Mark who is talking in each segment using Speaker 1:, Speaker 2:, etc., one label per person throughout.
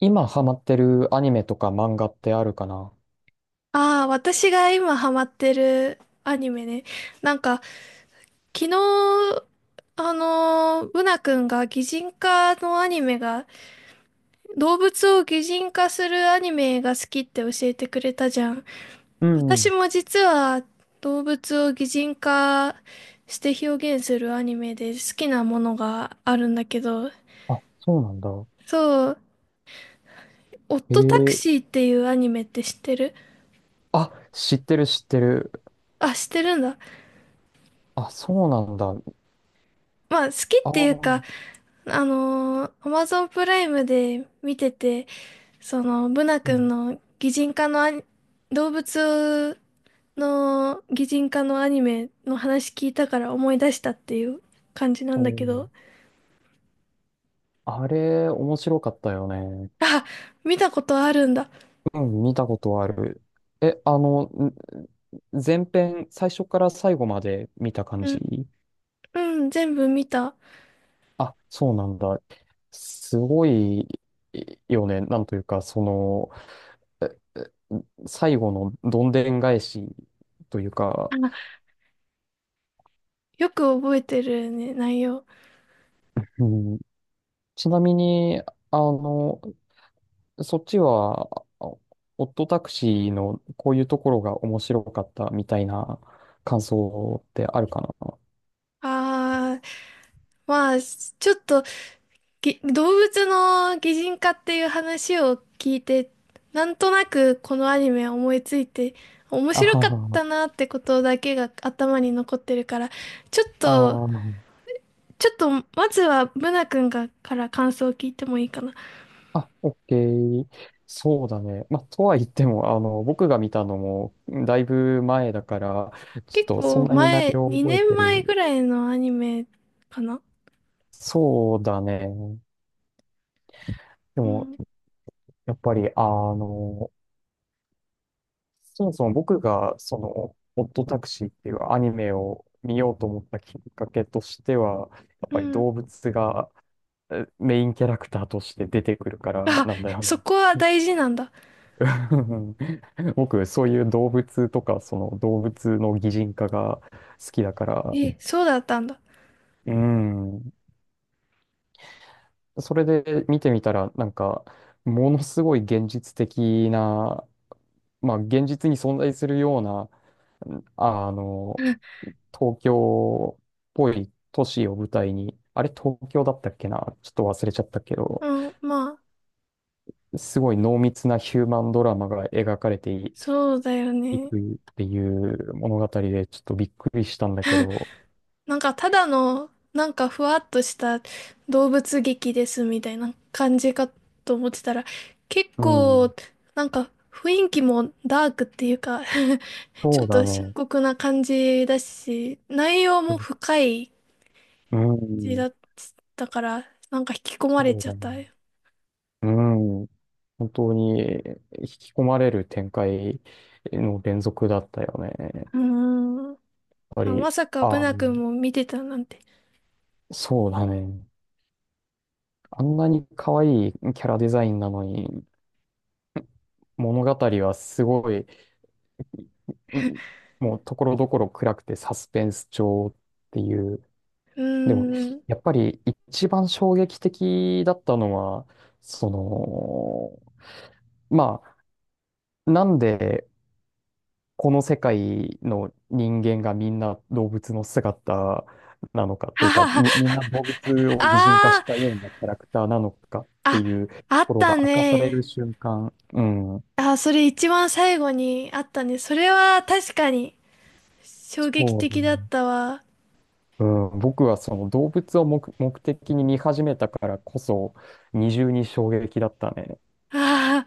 Speaker 1: 今ハマってるアニメとか漫画ってあるかな？
Speaker 2: ああ、私が今ハマってるアニメね。なんか、昨日、ブナ君が擬人化のアニメが、動物を擬人化するアニメが好きって教えてくれたじゃん。
Speaker 1: うん。
Speaker 2: 私も実は動物を擬人化して表現するアニメで好きなものがあるんだけど、
Speaker 1: あ、そうなんだ。
Speaker 2: そう、オットタク
Speaker 1: ええ。
Speaker 2: シーっていうアニメって知ってる？
Speaker 1: あ、知ってる知ってる。
Speaker 2: あ、知ってるんだ。
Speaker 1: あ、そうなんだ。あ
Speaker 2: まあ、好きっていう
Speaker 1: あ、
Speaker 2: か、アマゾンプライムで見てて、その、ブナ
Speaker 1: う
Speaker 2: 君
Speaker 1: ん。
Speaker 2: の擬人化のアニ、動物の擬人化のアニメの話聞いたから思い出したっていう感じな
Speaker 1: お
Speaker 2: んだけど、
Speaker 1: ー。あれ、面白かったよね。
Speaker 2: 見たことあるんだ。
Speaker 1: うん、見たことある。え、あの、ん前編、最初から最後まで見た感
Speaker 2: う
Speaker 1: じ？
Speaker 2: ん、うん、全部見た。
Speaker 1: あ、そうなんだ。すごいよね。なんというか、ええ最後のどんでん返しというか、
Speaker 2: あ、よく覚えてるね、内容。
Speaker 1: うん、ちなみに、あの、そっちは、あオットタクシーのこういうところが面白かったみたいな感想ってあるかな？
Speaker 2: あー、まあ、ちょっと動物の擬人化っていう話を聞いて、なんとなくこのアニメ思いついて、面
Speaker 1: あ
Speaker 2: 白
Speaker 1: は
Speaker 2: かっ
Speaker 1: は、
Speaker 2: たなってことだけが頭に残ってるから、ちょっ
Speaker 1: あ
Speaker 2: と、
Speaker 1: ー
Speaker 2: ちょっと、まずはブナ君が、から感想を聞いてもいいかな。
Speaker 1: あ、オッケー。そうだね。まあ、とは言っても、僕が見たのも、だいぶ前だから、ちょっ
Speaker 2: 結
Speaker 1: とそん
Speaker 2: 構
Speaker 1: なに内
Speaker 2: 前、
Speaker 1: 容を覚え
Speaker 2: 2
Speaker 1: て
Speaker 2: 年前
Speaker 1: る。
Speaker 2: ぐらいのアニメかな？
Speaker 1: そうだね。で
Speaker 2: う
Speaker 1: も、
Speaker 2: ん、
Speaker 1: やっぱり、そもそも僕がその「オットタクシー」っていうアニメを見ようと思ったきっかけとしてはやっ
Speaker 2: う
Speaker 1: ぱり
Speaker 2: ん。
Speaker 1: 動物がメインキャラクターとして出てくるから
Speaker 2: あ、
Speaker 1: なんだよな。
Speaker 2: そこは大事なんだ。
Speaker 1: 僕そういう動物とかその動物の擬人化が好きだから。
Speaker 2: え、そうだったんだ。
Speaker 1: うん。それで見てみたらなんかものすごい現実的な、まあ現実に存在するようなあの東京っぽい都市を舞台に、あれ東京だったっけなちょっと忘れちゃったけど、
Speaker 2: うん、まあ、
Speaker 1: すごい濃密なヒューマンドラマが描かれてい
Speaker 2: そうだよ
Speaker 1: い
Speaker 2: ね。
Speaker 1: くっていう物語で、ちょっとびっくりしたんだけど、
Speaker 2: なんかただの、なんかふわっとした動物劇ですみたいな感じかと思ってたら、結
Speaker 1: うん、
Speaker 2: 構、なんか雰囲気もダークっていうか ち
Speaker 1: そ
Speaker 2: ょ
Speaker 1: う
Speaker 2: っ
Speaker 1: だ
Speaker 2: と深
Speaker 1: ね。
Speaker 2: 刻な感じだし、内容も深い
Speaker 1: う
Speaker 2: 感じ
Speaker 1: ん、
Speaker 2: だったから、なんか引き込まれ
Speaker 1: そう
Speaker 2: ちゃ
Speaker 1: だ
Speaker 2: っ
Speaker 1: ね。
Speaker 2: たよ。
Speaker 1: うん、本当に引き込まれる展開の連続だったよね。やっ
Speaker 2: うーん。い
Speaker 1: ぱ
Speaker 2: や
Speaker 1: り、
Speaker 2: まさかブ
Speaker 1: あ、
Speaker 2: ナ君も見てたなんて。
Speaker 1: そうだね。あんなに可愛いキャラデザインなのに、物語はすごい、うん、もうところどころ暗くてサスペンス調っていう。
Speaker 2: うー
Speaker 1: でも、
Speaker 2: ん。
Speaker 1: やっぱり一番衝撃的だったのは、その、まあ、なんでこの世界の人間がみんな動物の姿なのかとい
Speaker 2: は
Speaker 1: うか、
Speaker 2: は
Speaker 1: み、み
Speaker 2: は。
Speaker 1: んな動物を擬人化し
Speaker 2: あ
Speaker 1: たようなキャラクターなのかって
Speaker 2: あ、
Speaker 1: いうと
Speaker 2: あ、あっ
Speaker 1: ころ
Speaker 2: た
Speaker 1: が明かされ
Speaker 2: ね。
Speaker 1: る瞬間、うん、
Speaker 2: あ、それ一番最後にあったね。それは確かに衝撃
Speaker 1: そうだ
Speaker 2: 的
Speaker 1: ね。
Speaker 2: だったわ。
Speaker 1: うん、僕はその動物を目的に見始めたからこそ二重に衝撃だったね。
Speaker 2: あ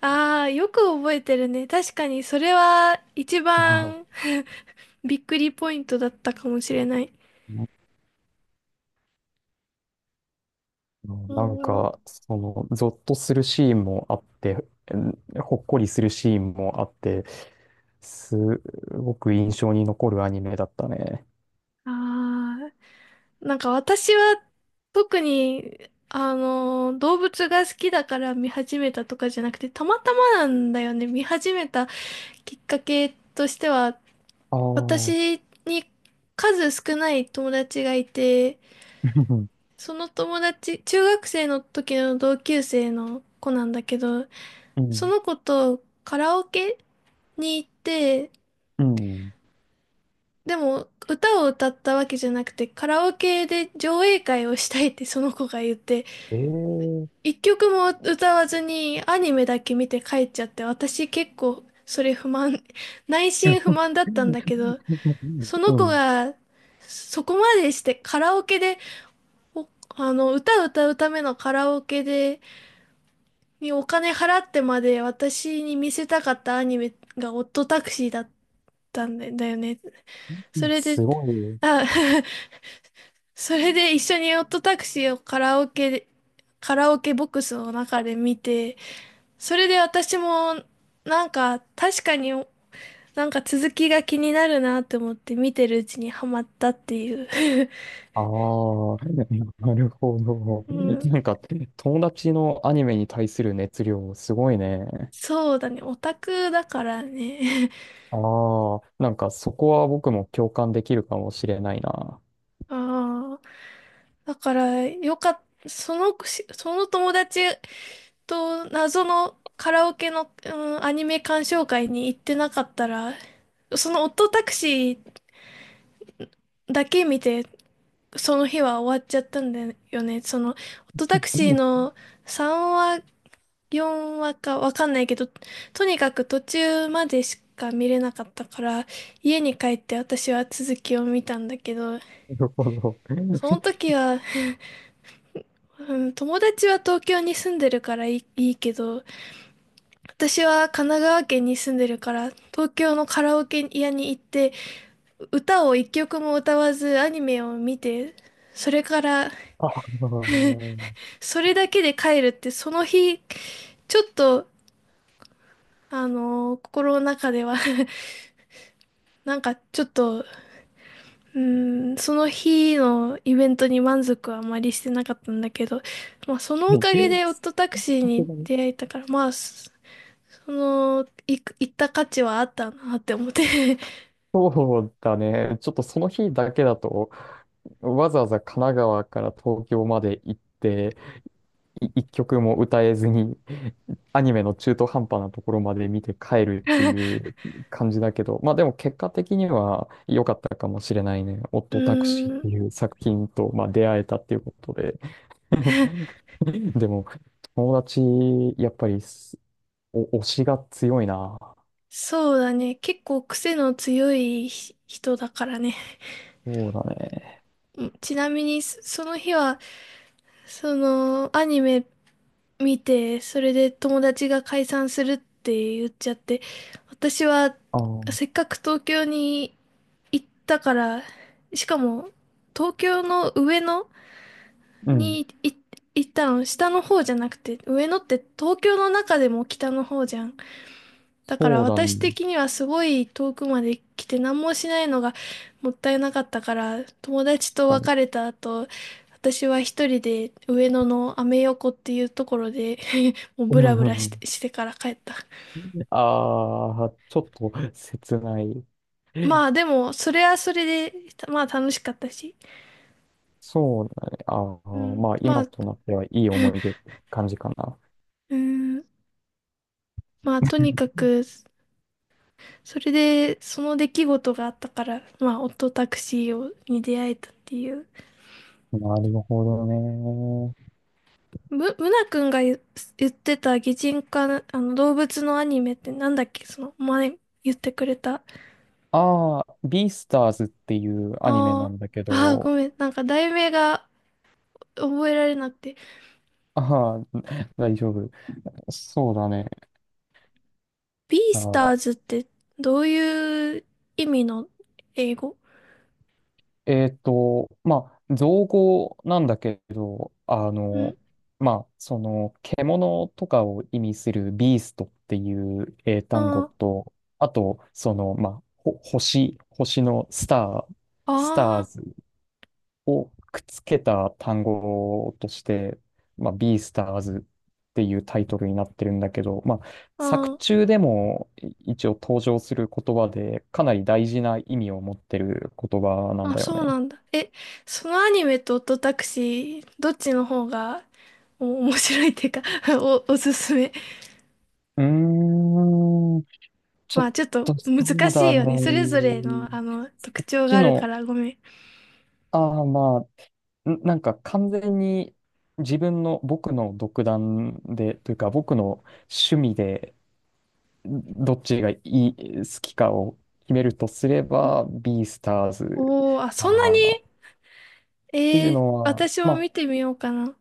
Speaker 2: あ、ああ、よく覚えてるね。確かにそれは一
Speaker 1: は
Speaker 2: 番びっくりポイントだったかもしれない。
Speaker 1: い、
Speaker 2: う
Speaker 1: なん
Speaker 2: ん。あ
Speaker 1: か、ゾッとするシーンもあって、うん、ほっこりするシーンもあって、すごく印象に残るアニメだったね。
Speaker 2: あ、なんか私は特に、あの、動物が好きだから見始めたとかじゃなくて、たまたまなんだよね。見始めたきっかけとしては、
Speaker 1: ああ。 う
Speaker 2: 私に数少ない友達がいて、
Speaker 1: ん
Speaker 2: その友達、中学生の時の同級生の子なんだけど、
Speaker 1: う
Speaker 2: そ
Speaker 1: ん、
Speaker 2: の子とカラオケに行って、
Speaker 1: うん、
Speaker 2: でも歌を歌ったわけじゃなくて、カラオケで上映会をしたいって その子が言って、
Speaker 1: ええ。
Speaker 2: 一曲も歌わずにアニメだけ見て帰っちゃって、私結構それ不満、内心不満だったんだけど、そ
Speaker 1: う
Speaker 2: の子
Speaker 1: ん、
Speaker 2: がそこまでしてカラオケで、おあの、歌を歌うためのカラオケで、にお金払ってまで私に見せたかったアニメがオットタクシーだったんだよね。それで、
Speaker 1: すごい。
Speaker 2: あ、それで一緒にオットタクシーをカラオケで、カラオケボックスの中で見て、それで私もなんか確かになんか続きが気になるなって思って見てるうちにハマったっていう。
Speaker 1: ああ、なるほど。
Speaker 2: う ん、
Speaker 1: なんか、友達のアニメに対する熱量、すごいね。
Speaker 2: そうだね、オタクだからね。
Speaker 1: ああ、なんかそこは僕も共感できるかもしれないな。
Speaker 2: ああ。だから、よかった、その友達と謎のカラオケの、うん、アニメ鑑賞会に行ってなかったら、そのオットタクシーだけ見て、その日は終わっちゃったんだよね。その、オットタクシーの3話、4話かわかんないけど、とにかく途中までしか見れなかったから、家に帰って私は続きを見たんだけど、
Speaker 1: なるほど。
Speaker 2: その時はうん友達は東京に住んでるからいいけど、私は神奈川県に住んでるから、東京のカラオケ屋に行って、歌を一曲も歌わずアニメを見て、それから、
Speaker 1: ああ、
Speaker 2: それだけで帰るって、その日、ちょっと、あのー心の中では なんかちょっと、うん、その日のイベントに満足はあまりしてなかったんだけど、まあそのおかげでオットタクシー
Speaker 1: さす
Speaker 2: に
Speaker 1: がに、
Speaker 2: 出会えたから、まあ、行った価値はあったなって思って
Speaker 1: そうだね。ちょっとその日だけだと、わざわざ神奈川から東京まで行って、一曲も歌えずに、アニメの中途半端なところまで見て帰るっていう感じだけど、まあでも結果的には良かったかもしれないね。オッ
Speaker 2: う
Speaker 1: トタクシーっ
Speaker 2: ー
Speaker 1: て
Speaker 2: ん、
Speaker 1: いう作品と、まあ、出会えたっていうことで。でも、友達、やっぱり推しが強いな。
Speaker 2: そうだね。結構癖の強い人だからね。
Speaker 1: そうだね。
Speaker 2: うんちなみに、その日は、その、アニメ見て、それで友達が解散するって言っちゃって、私は、
Speaker 1: あー、
Speaker 2: せっかく東京に行ったから、しかも、東京の上野
Speaker 1: うん。
Speaker 2: に行ったの、下の方じゃなくて、上野って東京の中でも北の方じゃん。だか
Speaker 1: そ
Speaker 2: ら
Speaker 1: うだ
Speaker 2: 私
Speaker 1: ね。
Speaker 2: 的にはすごい遠くまで来て何もしないのがもったいなかったから、友
Speaker 1: 確
Speaker 2: 達と
Speaker 1: か
Speaker 2: 別
Speaker 1: に。
Speaker 2: れた後、私は一人で上野のアメ横っていうところで もう
Speaker 1: うん
Speaker 2: ブラ
Speaker 1: う
Speaker 2: ブラ
Speaker 1: んうん。
Speaker 2: してから帰った。
Speaker 1: ああー、ちょっと切ない。
Speaker 2: まあでも、それはそれで、まあ楽しかったし。
Speaker 1: そうだね。ああ、
Speaker 2: うん、
Speaker 1: まあ
Speaker 2: ま
Speaker 1: 今
Speaker 2: あ、
Speaker 1: となってはいい思い出って感じかな。
Speaker 2: うん、まあとにかく、それで、その出来事があったから、まあ、オットタクシーをに出会えたっていう。
Speaker 1: なるほどね。
Speaker 2: なくんが言ってた擬人化な、あの、動物のアニメってなんだっけ？その、前言ってくれた。
Speaker 1: ああ、ビースターズっていうアニメな
Speaker 2: あ
Speaker 1: んだけ
Speaker 2: あ、ああ、
Speaker 1: ど、
Speaker 2: ごめん。なんか題名が覚えられなくて。
Speaker 1: ああ。大丈夫。そうだね。
Speaker 2: ビー
Speaker 1: あ
Speaker 2: スタ
Speaker 1: あ、
Speaker 2: ーズってどういう意味の英語？
Speaker 1: まあ、造語なんだけど、
Speaker 2: ん
Speaker 1: まあ、その、獣とかを意味するビーストっていう英単語
Speaker 2: あ
Speaker 1: と、あと、その、まあ、星のスター、スター
Speaker 2: あ、あー
Speaker 1: ズをくっつけた単語として、まあ、ビースターズっていうタイトルになってるんだけど、まあ、
Speaker 2: あ
Speaker 1: 作
Speaker 2: ー、
Speaker 1: 中でも一応登場する言葉で、かなり大事な意味を持ってる言葉なん
Speaker 2: あ、
Speaker 1: だよ
Speaker 2: そう
Speaker 1: ね。
Speaker 2: なんだ。え、そのアニメとオットタクシー、どっちの方が面白いっていうか おすすめ？
Speaker 1: うーん、ちょっ
Speaker 2: まあちょっと
Speaker 1: と、そう
Speaker 2: 難し
Speaker 1: だ
Speaker 2: い
Speaker 1: ね。
Speaker 2: よね。それぞれのあの特徴
Speaker 1: 知
Speaker 2: がある
Speaker 1: の、
Speaker 2: からごめん。
Speaker 1: ああまあ、なんか完全に自分の僕の独断で、というか僕の趣味でどっちが好きかを決めるとすれば、ビースターズ
Speaker 2: おー、あ、
Speaker 1: か
Speaker 2: そん
Speaker 1: な
Speaker 2: なに？
Speaker 1: っていう
Speaker 2: えー、
Speaker 1: のは、
Speaker 2: 私
Speaker 1: ま
Speaker 2: も
Speaker 1: あ、
Speaker 2: 見てみようかな。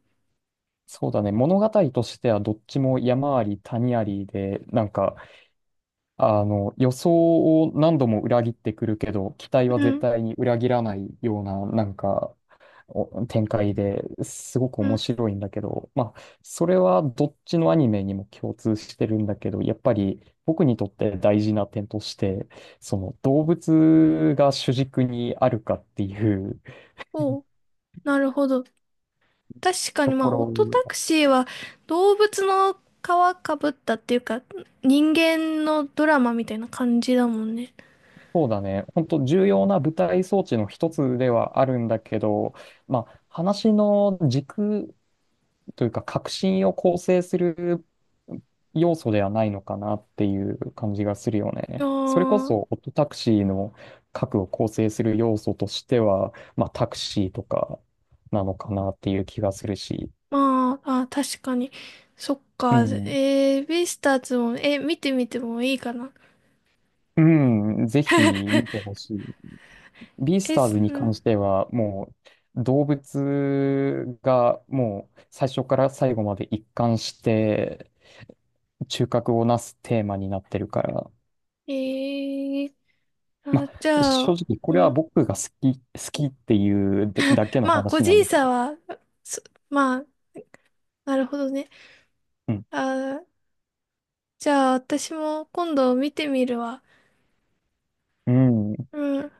Speaker 1: そうだね、物語としてはどっちも山あり谷ありで、なんか、あの、予想を何度も裏切ってくるけど、期待は
Speaker 2: う
Speaker 1: 絶
Speaker 2: ん、
Speaker 1: 対に裏切らないような、なんか、展開ですごく
Speaker 2: う
Speaker 1: 面
Speaker 2: ん。
Speaker 1: 白いんだけど、まあ、それはどっちのアニメにも共通してるんだけど、やっぱり僕にとって大事な点として、その動物が主軸にあるかっていう
Speaker 2: おう、なるほど。確か
Speaker 1: と
Speaker 2: にま
Speaker 1: こ
Speaker 2: あオットタ
Speaker 1: ろ、
Speaker 2: クシーは動物の皮かぶったっていうか人間のドラマみたいな感じだもんね。
Speaker 1: そうだね、本当重要な舞台装置の一つではあるんだけど、まあ、話の軸というか、革新を構成する要素ではないのかなっていう感じがするよ
Speaker 2: あ
Speaker 1: ね。それこ
Speaker 2: ー
Speaker 1: そ、オットタクシーの核を構成する要素としては、まあ、タクシーとかなのかなっていう気がするし、
Speaker 2: まあ、あ、確かに。そっ
Speaker 1: う
Speaker 2: か。
Speaker 1: ん、
Speaker 2: えー、ベイスターズも、え、見てみてもいいかな。
Speaker 1: うん、ぜひ見てほしい。ビース
Speaker 2: え、
Speaker 1: ター
Speaker 2: す
Speaker 1: ズに
Speaker 2: う
Speaker 1: 関
Speaker 2: ん。
Speaker 1: しては、もう動物がもう最初から最後まで一貫して中核をなすテーマになってるから、
Speaker 2: えー、あ、
Speaker 1: ま
Speaker 2: じ
Speaker 1: あ、
Speaker 2: ゃ
Speaker 1: 正
Speaker 2: あ、
Speaker 1: 直、これ
Speaker 2: う
Speaker 1: は
Speaker 2: ん。
Speaker 1: 僕が好きっていうだけの
Speaker 2: まあ、個
Speaker 1: 話なん
Speaker 2: 人
Speaker 1: だけ
Speaker 2: 差
Speaker 1: ど。
Speaker 2: は、そまあ、なるほどね。
Speaker 1: うん。
Speaker 2: あ、じゃあ、私も今度見てみるわ。
Speaker 1: うん。
Speaker 2: うん。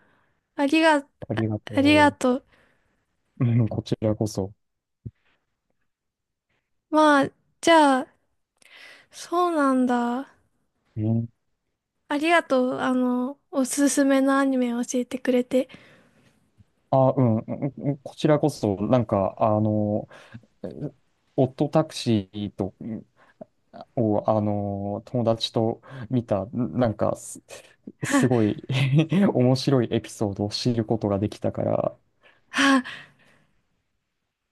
Speaker 2: ありが、
Speaker 1: ありが
Speaker 2: あり
Speaker 1: と
Speaker 2: がとう。
Speaker 1: う。うん、こちらこそ。
Speaker 2: まあ、じゃあ、そうなんだ。
Speaker 1: うん。
Speaker 2: ありがとう。あの、おすすめのアニメを教えてくれて。
Speaker 1: あ、うん、うんうん、こちらこそ、なんか、えオットタクシーと、を、友達と見た、なんかすごい 面白いエピソードを知ることができたから、
Speaker 2: はい。